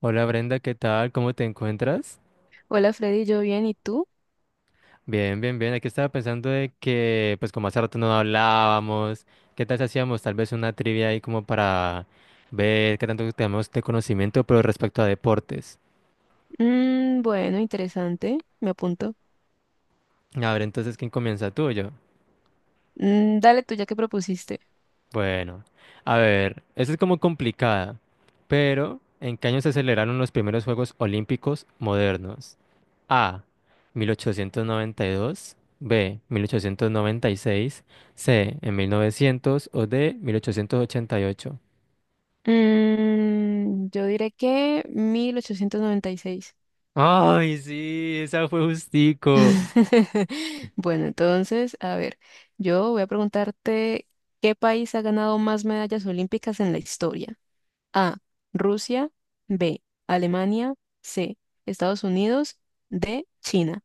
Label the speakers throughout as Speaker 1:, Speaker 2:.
Speaker 1: Hola Brenda, ¿qué tal? ¿Cómo te encuentras?
Speaker 2: Hola Freddy, yo bien, ¿y tú?
Speaker 1: Bien, bien, bien. Aquí estaba pensando de que, pues como hace rato no hablábamos, ¿qué tal si hacíamos tal vez una trivia ahí como para ver qué tanto tenemos de conocimiento, pero respecto a deportes?
Speaker 2: Bueno, interesante, me apunto.
Speaker 1: A ver, entonces, ¿quién comienza tú o yo?
Speaker 2: Dale tú ya que propusiste.
Speaker 1: Bueno, a ver, esa es como complicada, pero ¿en qué año se celebraron los primeros Juegos Olímpicos modernos? A. 1892. B. 1896. C. En 1900. O D. 1888.
Speaker 2: Yo diré que 1896.
Speaker 1: ¡Ay, sí! Esa fue justico.
Speaker 2: Bueno, entonces, a ver, yo voy a preguntarte, ¿qué país ha ganado más medallas olímpicas en la historia? A, Rusia. B, Alemania. C, Estados Unidos. D, China.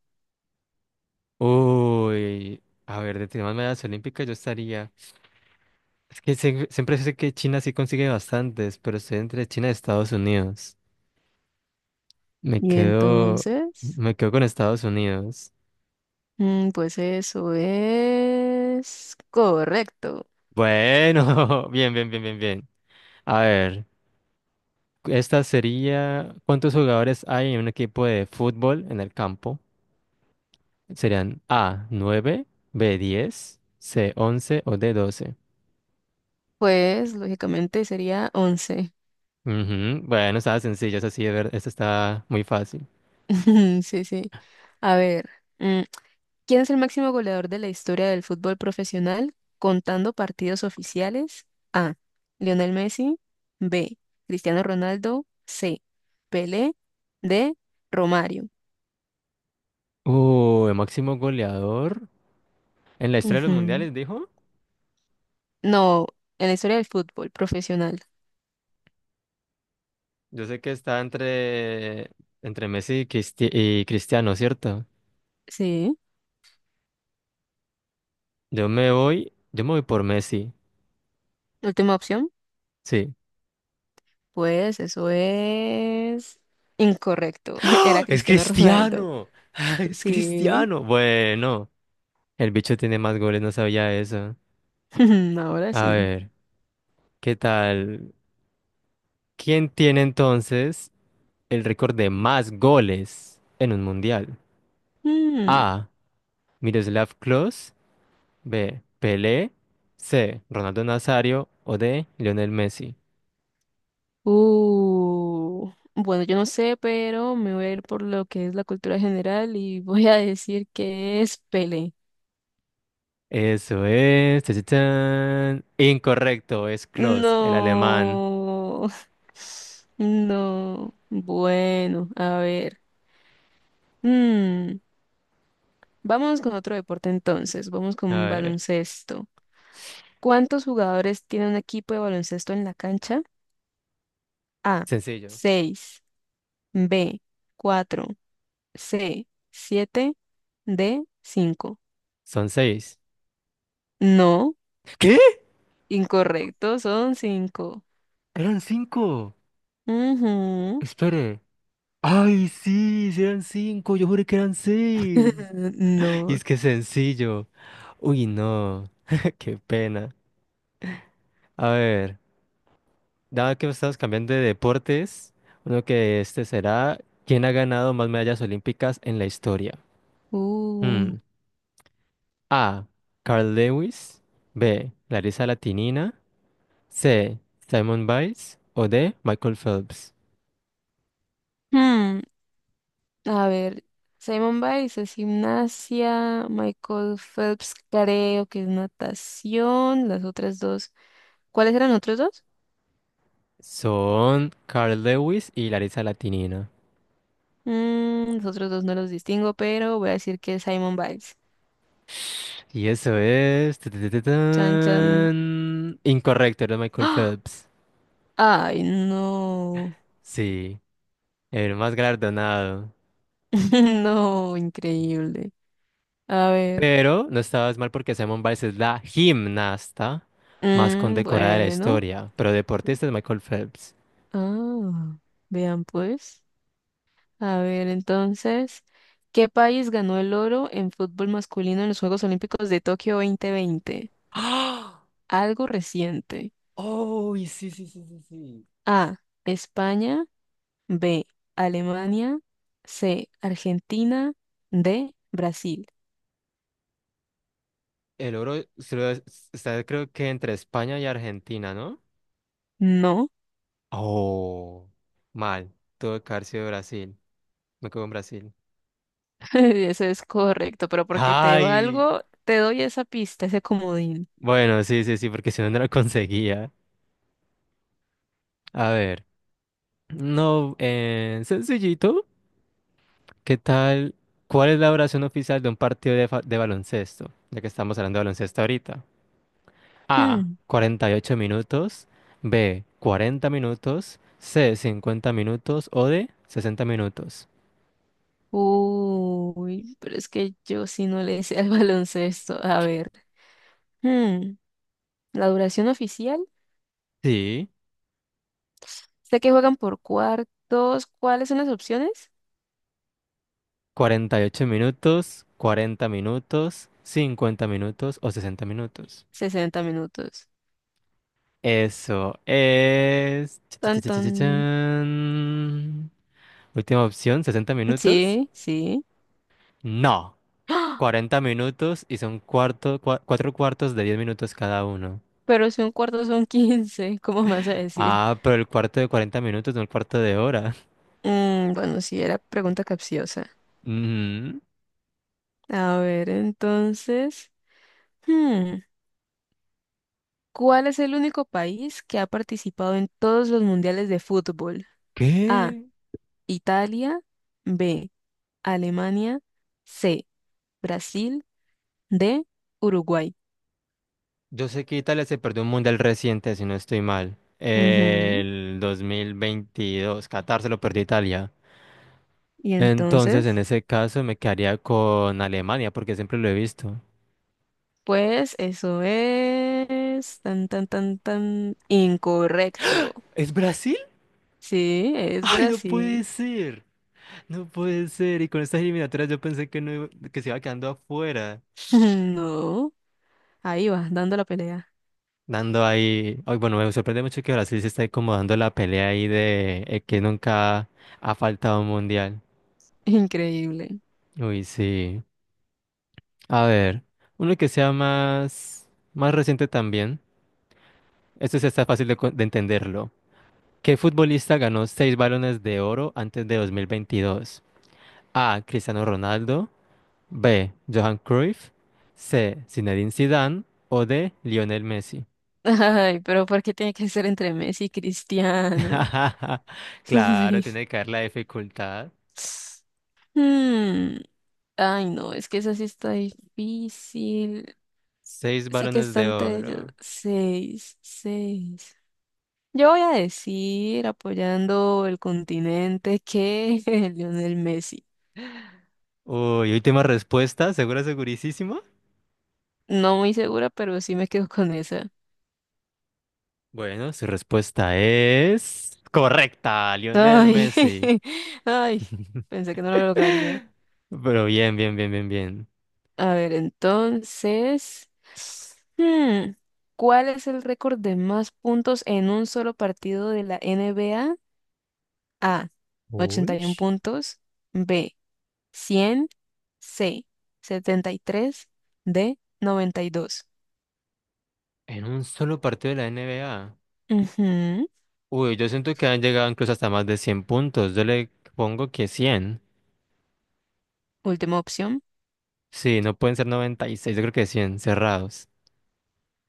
Speaker 1: Uy. A ver, de temas medallas olímpicas yo estaría. Es que siempre sé que China sí consigue bastantes, pero estoy entre China y Estados Unidos. Me
Speaker 2: Y
Speaker 1: quedo.
Speaker 2: entonces...
Speaker 1: Me quedo con Estados Unidos.
Speaker 2: Pues eso es correcto.
Speaker 1: Bueno, bien, bien, bien, bien, bien. A ver. Esta sería, ¿cuántos jugadores hay en un equipo de fútbol en el campo? Serían A, nueve. B, diez. C, once. O D, doce.
Speaker 2: Pues lógicamente sería 11.
Speaker 1: Ujú. Bueno, estaba sencillo, es así, de ver, esta está muy fácil.
Speaker 2: Sí, sí. A ver, mm, ¿quién es el máximo goleador de la historia del fútbol profesional contando partidos oficiales? A. Lionel Messi. B. Cristiano Ronaldo. C. Pelé. D. Romario.
Speaker 1: El máximo goleador en la historia de los
Speaker 2: Ujú.
Speaker 1: mundiales, dijo.
Speaker 2: No, en la historia del fútbol profesional.
Speaker 1: Yo sé que está entre Messi y Cristiano, ¿cierto?
Speaker 2: Sí.
Speaker 1: Yo me voy por Messi,
Speaker 2: Última opción.
Speaker 1: sí.
Speaker 2: Pues eso es incorrecto.
Speaker 1: ¡Ah!
Speaker 2: Era
Speaker 1: ¡Es
Speaker 2: Cristiano Ronaldo.
Speaker 1: Cristiano! ¡Es
Speaker 2: Sí.
Speaker 1: Cristiano! Bueno. El bicho tiene más goles, no sabía eso.
Speaker 2: Ahora
Speaker 1: A
Speaker 2: sí.
Speaker 1: ver, ¿qué tal? ¿Quién tiene entonces el récord de más goles en un mundial?
Speaker 2: Mm.
Speaker 1: A. Miroslav Klose. B. Pelé. C. Ronaldo Nazario. O D. Lionel Messi.
Speaker 2: Uh. Bueno, yo no sé, pero me voy a ir por lo que es la cultura general y voy a decir que es Pele.
Speaker 1: Eso es. Tachachán. Incorrecto, es Klose, el alemán.
Speaker 2: No. No. Bueno, a ver. Mm. Vamos con otro deporte entonces. Vamos con
Speaker 1: A ver,
Speaker 2: baloncesto. ¿Cuántos jugadores tiene un equipo de baloncesto en la cancha? A,
Speaker 1: sencillo.
Speaker 2: seis. B, cuatro. C, siete. D, 5.
Speaker 1: Son seis.
Speaker 2: No,
Speaker 1: ¿Qué?
Speaker 2: incorrecto, son 5.
Speaker 1: Eran cinco. Espere. Ay, sí, sí eran cinco, yo juré que eran seis. Y
Speaker 2: No.
Speaker 1: es que es sencillo. Uy, no, qué pena. A ver, dado que estamos cambiando de deportes, uno que este será, ¿quién ha ganado más medallas olímpicas en la historia? Hmm.
Speaker 2: Uh.
Speaker 1: A. Carl Lewis. B. Larisa Latinina. C. Simon Biles. O D. Michael Phelps.
Speaker 2: Hmm, A ver, Simon Biles es gimnasia, Michael Phelps creo que es natación, las otras dos. ¿Cuáles eran otros dos?
Speaker 1: Son Carl Lewis y Larisa Latinina.
Speaker 2: Los otros dos no los distingo, pero voy a decir que es Simon Biles.
Speaker 1: Y eso es: tu,
Speaker 2: Chan, chan.
Speaker 1: tan. Incorrecto, era Michael
Speaker 2: ¡Ah!
Speaker 1: Phelps.
Speaker 2: Ay, no.
Speaker 1: Sí, el más galardonado.
Speaker 2: No, increíble. A ver.
Speaker 1: Pero no estabas mal porque Simone Biles es la gimnasta más
Speaker 2: Mm,
Speaker 1: condecorada de la
Speaker 2: bueno.
Speaker 1: historia. Pero deportista es Michael Phelps.
Speaker 2: Ah, vean pues. A ver, entonces, ¿qué país ganó el oro en fútbol masculino en los Juegos Olímpicos de Tokio 2020?
Speaker 1: ¡Ah!
Speaker 2: Algo reciente.
Speaker 1: ¡Oh! Y sí, sí, sí, sí, sí.
Speaker 2: A, España. B, Alemania. C, Argentina. D, Brasil.
Speaker 1: El oro está, creo que entre España y Argentina, ¿no?
Speaker 2: No,
Speaker 1: Oh, mal. Tuvo que haber sido Brasil. Me quedo en Brasil.
Speaker 2: eso es correcto, pero porque te
Speaker 1: ¡Ay!
Speaker 2: valgo, te doy esa pista, ese comodín.
Speaker 1: Bueno, sí, sí, sí, porque si no, no lo conseguía. A ver, no, sencillito, ¿qué tal? ¿Cuál es la oración oficial de un partido de baloncesto? Ya que estamos hablando de baloncesto ahorita. A,
Speaker 2: Mm.
Speaker 1: 48 minutos. B, 40 minutos. C, 50 minutos. O D, 60 minutos.
Speaker 2: Uy, pero es que yo sí no le sé al baloncesto. A ver, Mm. la duración oficial,
Speaker 1: Sí,
Speaker 2: sé que juegan por cuartos. ¿Cuáles son las opciones?
Speaker 1: 48 minutos, 40 minutos, 50 minutos o 60 minutos.
Speaker 2: 60 minutos.
Speaker 1: Eso es. Cha, cha,
Speaker 2: Tan,
Speaker 1: cha, cha,
Speaker 2: tan.
Speaker 1: cha, chan. Última opción, 60 minutos.
Speaker 2: Sí, sí.
Speaker 1: No,
Speaker 2: ¡Ah!
Speaker 1: 40 minutos y son cuarto, cuatro cuartos de 10 minutos cada uno.
Speaker 2: Pero si un cuarto son 15, ¿cómo me vas a decir?
Speaker 1: Ah, pero el cuarto de 40 minutos, no el cuarto de hora.
Speaker 2: Bueno, sí, era pregunta capciosa.
Speaker 1: Mm.
Speaker 2: A ver, entonces. Hmm. ¿Cuál es el único país que ha participado en todos los mundiales de fútbol? A.
Speaker 1: ¿Qué?
Speaker 2: Italia. B. Alemania. C. Brasil. D. Uruguay.
Speaker 1: Yo sé que Italia se perdió un mundial reciente, si no estoy mal.
Speaker 2: Ujú.
Speaker 1: El 2022. Qatar se lo perdió Italia.
Speaker 2: Y
Speaker 1: Entonces, en
Speaker 2: entonces,
Speaker 1: ese caso, me quedaría con Alemania, porque siempre lo he visto.
Speaker 2: pues eso es tan, tan, tan, tan incorrecto.
Speaker 1: ¿Es Brasil?
Speaker 2: Sí, es
Speaker 1: Ay, no puede
Speaker 2: Brasil.
Speaker 1: ser. No puede ser. Y con estas eliminatorias yo pensé que no iba- que se iba quedando afuera.
Speaker 2: No, ahí va, dando la pelea.
Speaker 1: Dando ahí. Ay, bueno, me sorprende mucho que Brasil se esté como dando la pelea ahí de que nunca ha faltado un mundial.
Speaker 2: Increíble.
Speaker 1: Uy, sí. A ver, uno que sea más reciente también. Esto sí está fácil de entenderlo. ¿Qué futbolista ganó seis balones de oro antes de 2022? A. Cristiano Ronaldo. B. Johan Cruyff. C. Zinedine Zidane. O D. Lionel Messi.
Speaker 2: Ay, pero ¿por qué tiene que ser entre Messi y Cristiano? Eso es
Speaker 1: Claro,
Speaker 2: muy...
Speaker 1: tiene que haber la dificultad.
Speaker 2: Hmm, ay, no, es que esa sí está difícil.
Speaker 1: Seis
Speaker 2: Sé que
Speaker 1: balones
Speaker 2: está
Speaker 1: de
Speaker 2: entre ellos.
Speaker 1: oro.
Speaker 2: Seis, seis. Yo voy a decir, apoyando el continente, que Lionel Messi.
Speaker 1: Uy, última respuesta. ¿Segura, segurísima?
Speaker 2: No muy segura, pero sí me quedo con esa.
Speaker 1: Bueno, su respuesta es correcta, Lionel
Speaker 2: Ay,
Speaker 1: Messi.
Speaker 2: ay, pensé que no lo lograría.
Speaker 1: Pero bien, bien, bien, bien, bien.
Speaker 2: A ver, entonces, hmm, ¿cuál es el récord de más puntos en un solo partido de la NBA? A,
Speaker 1: Uy.
Speaker 2: 81 puntos. B, cien. C, 73. D, 92.
Speaker 1: En un solo partido de la NBA.
Speaker 2: Ujú.
Speaker 1: Uy, yo siento que han llegado incluso hasta más de 100 puntos. Yo le pongo que 100.
Speaker 2: Última opción.
Speaker 1: Sí, no pueden ser noventa y seis. Yo creo que cien cerrados.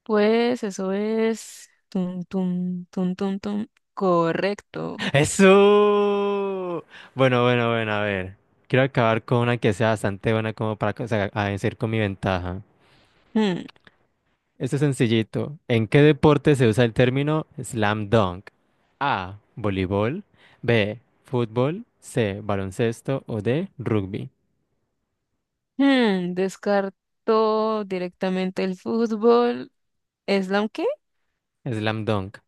Speaker 2: Pues eso es... Tum, tum, tum, tum, tum. Correcto.
Speaker 1: ¡Eso! Bueno, bueno, bueno, a ver. Quiero acabar con una que sea bastante buena como para a vencer con mi ventaja.
Speaker 2: Hmm.
Speaker 1: Esto es sencillito. ¿En qué deporte se usa el término slam dunk? A. Voleibol. B. Fútbol. C. Baloncesto. O D. Rugby.
Speaker 2: Descartó directamente el fútbol. ¿Islam qué?
Speaker 1: Slam dunk.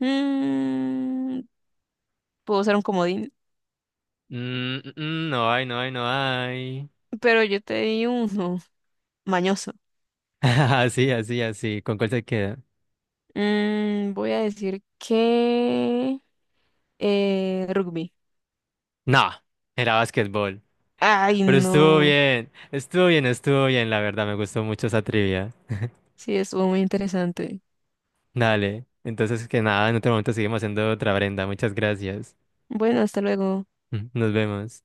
Speaker 2: Mm, puedo usar un comodín,
Speaker 1: No hay, no hay, no hay.
Speaker 2: pero yo te di uno. Mañoso.
Speaker 1: Así, así, así. ¿Con cuál se queda?
Speaker 2: Voy a decir que rugby.
Speaker 1: No, era básquetbol.
Speaker 2: Ay,
Speaker 1: Pero estuvo
Speaker 2: no.
Speaker 1: bien, estuvo bien, estuvo bien, la verdad, me gustó mucho esa trivia.
Speaker 2: Sí, estuvo muy interesante.
Speaker 1: Dale, entonces que nada, en otro momento seguimos haciendo otra, Brenda, muchas gracias.
Speaker 2: Bueno, hasta luego.
Speaker 1: Nos vemos.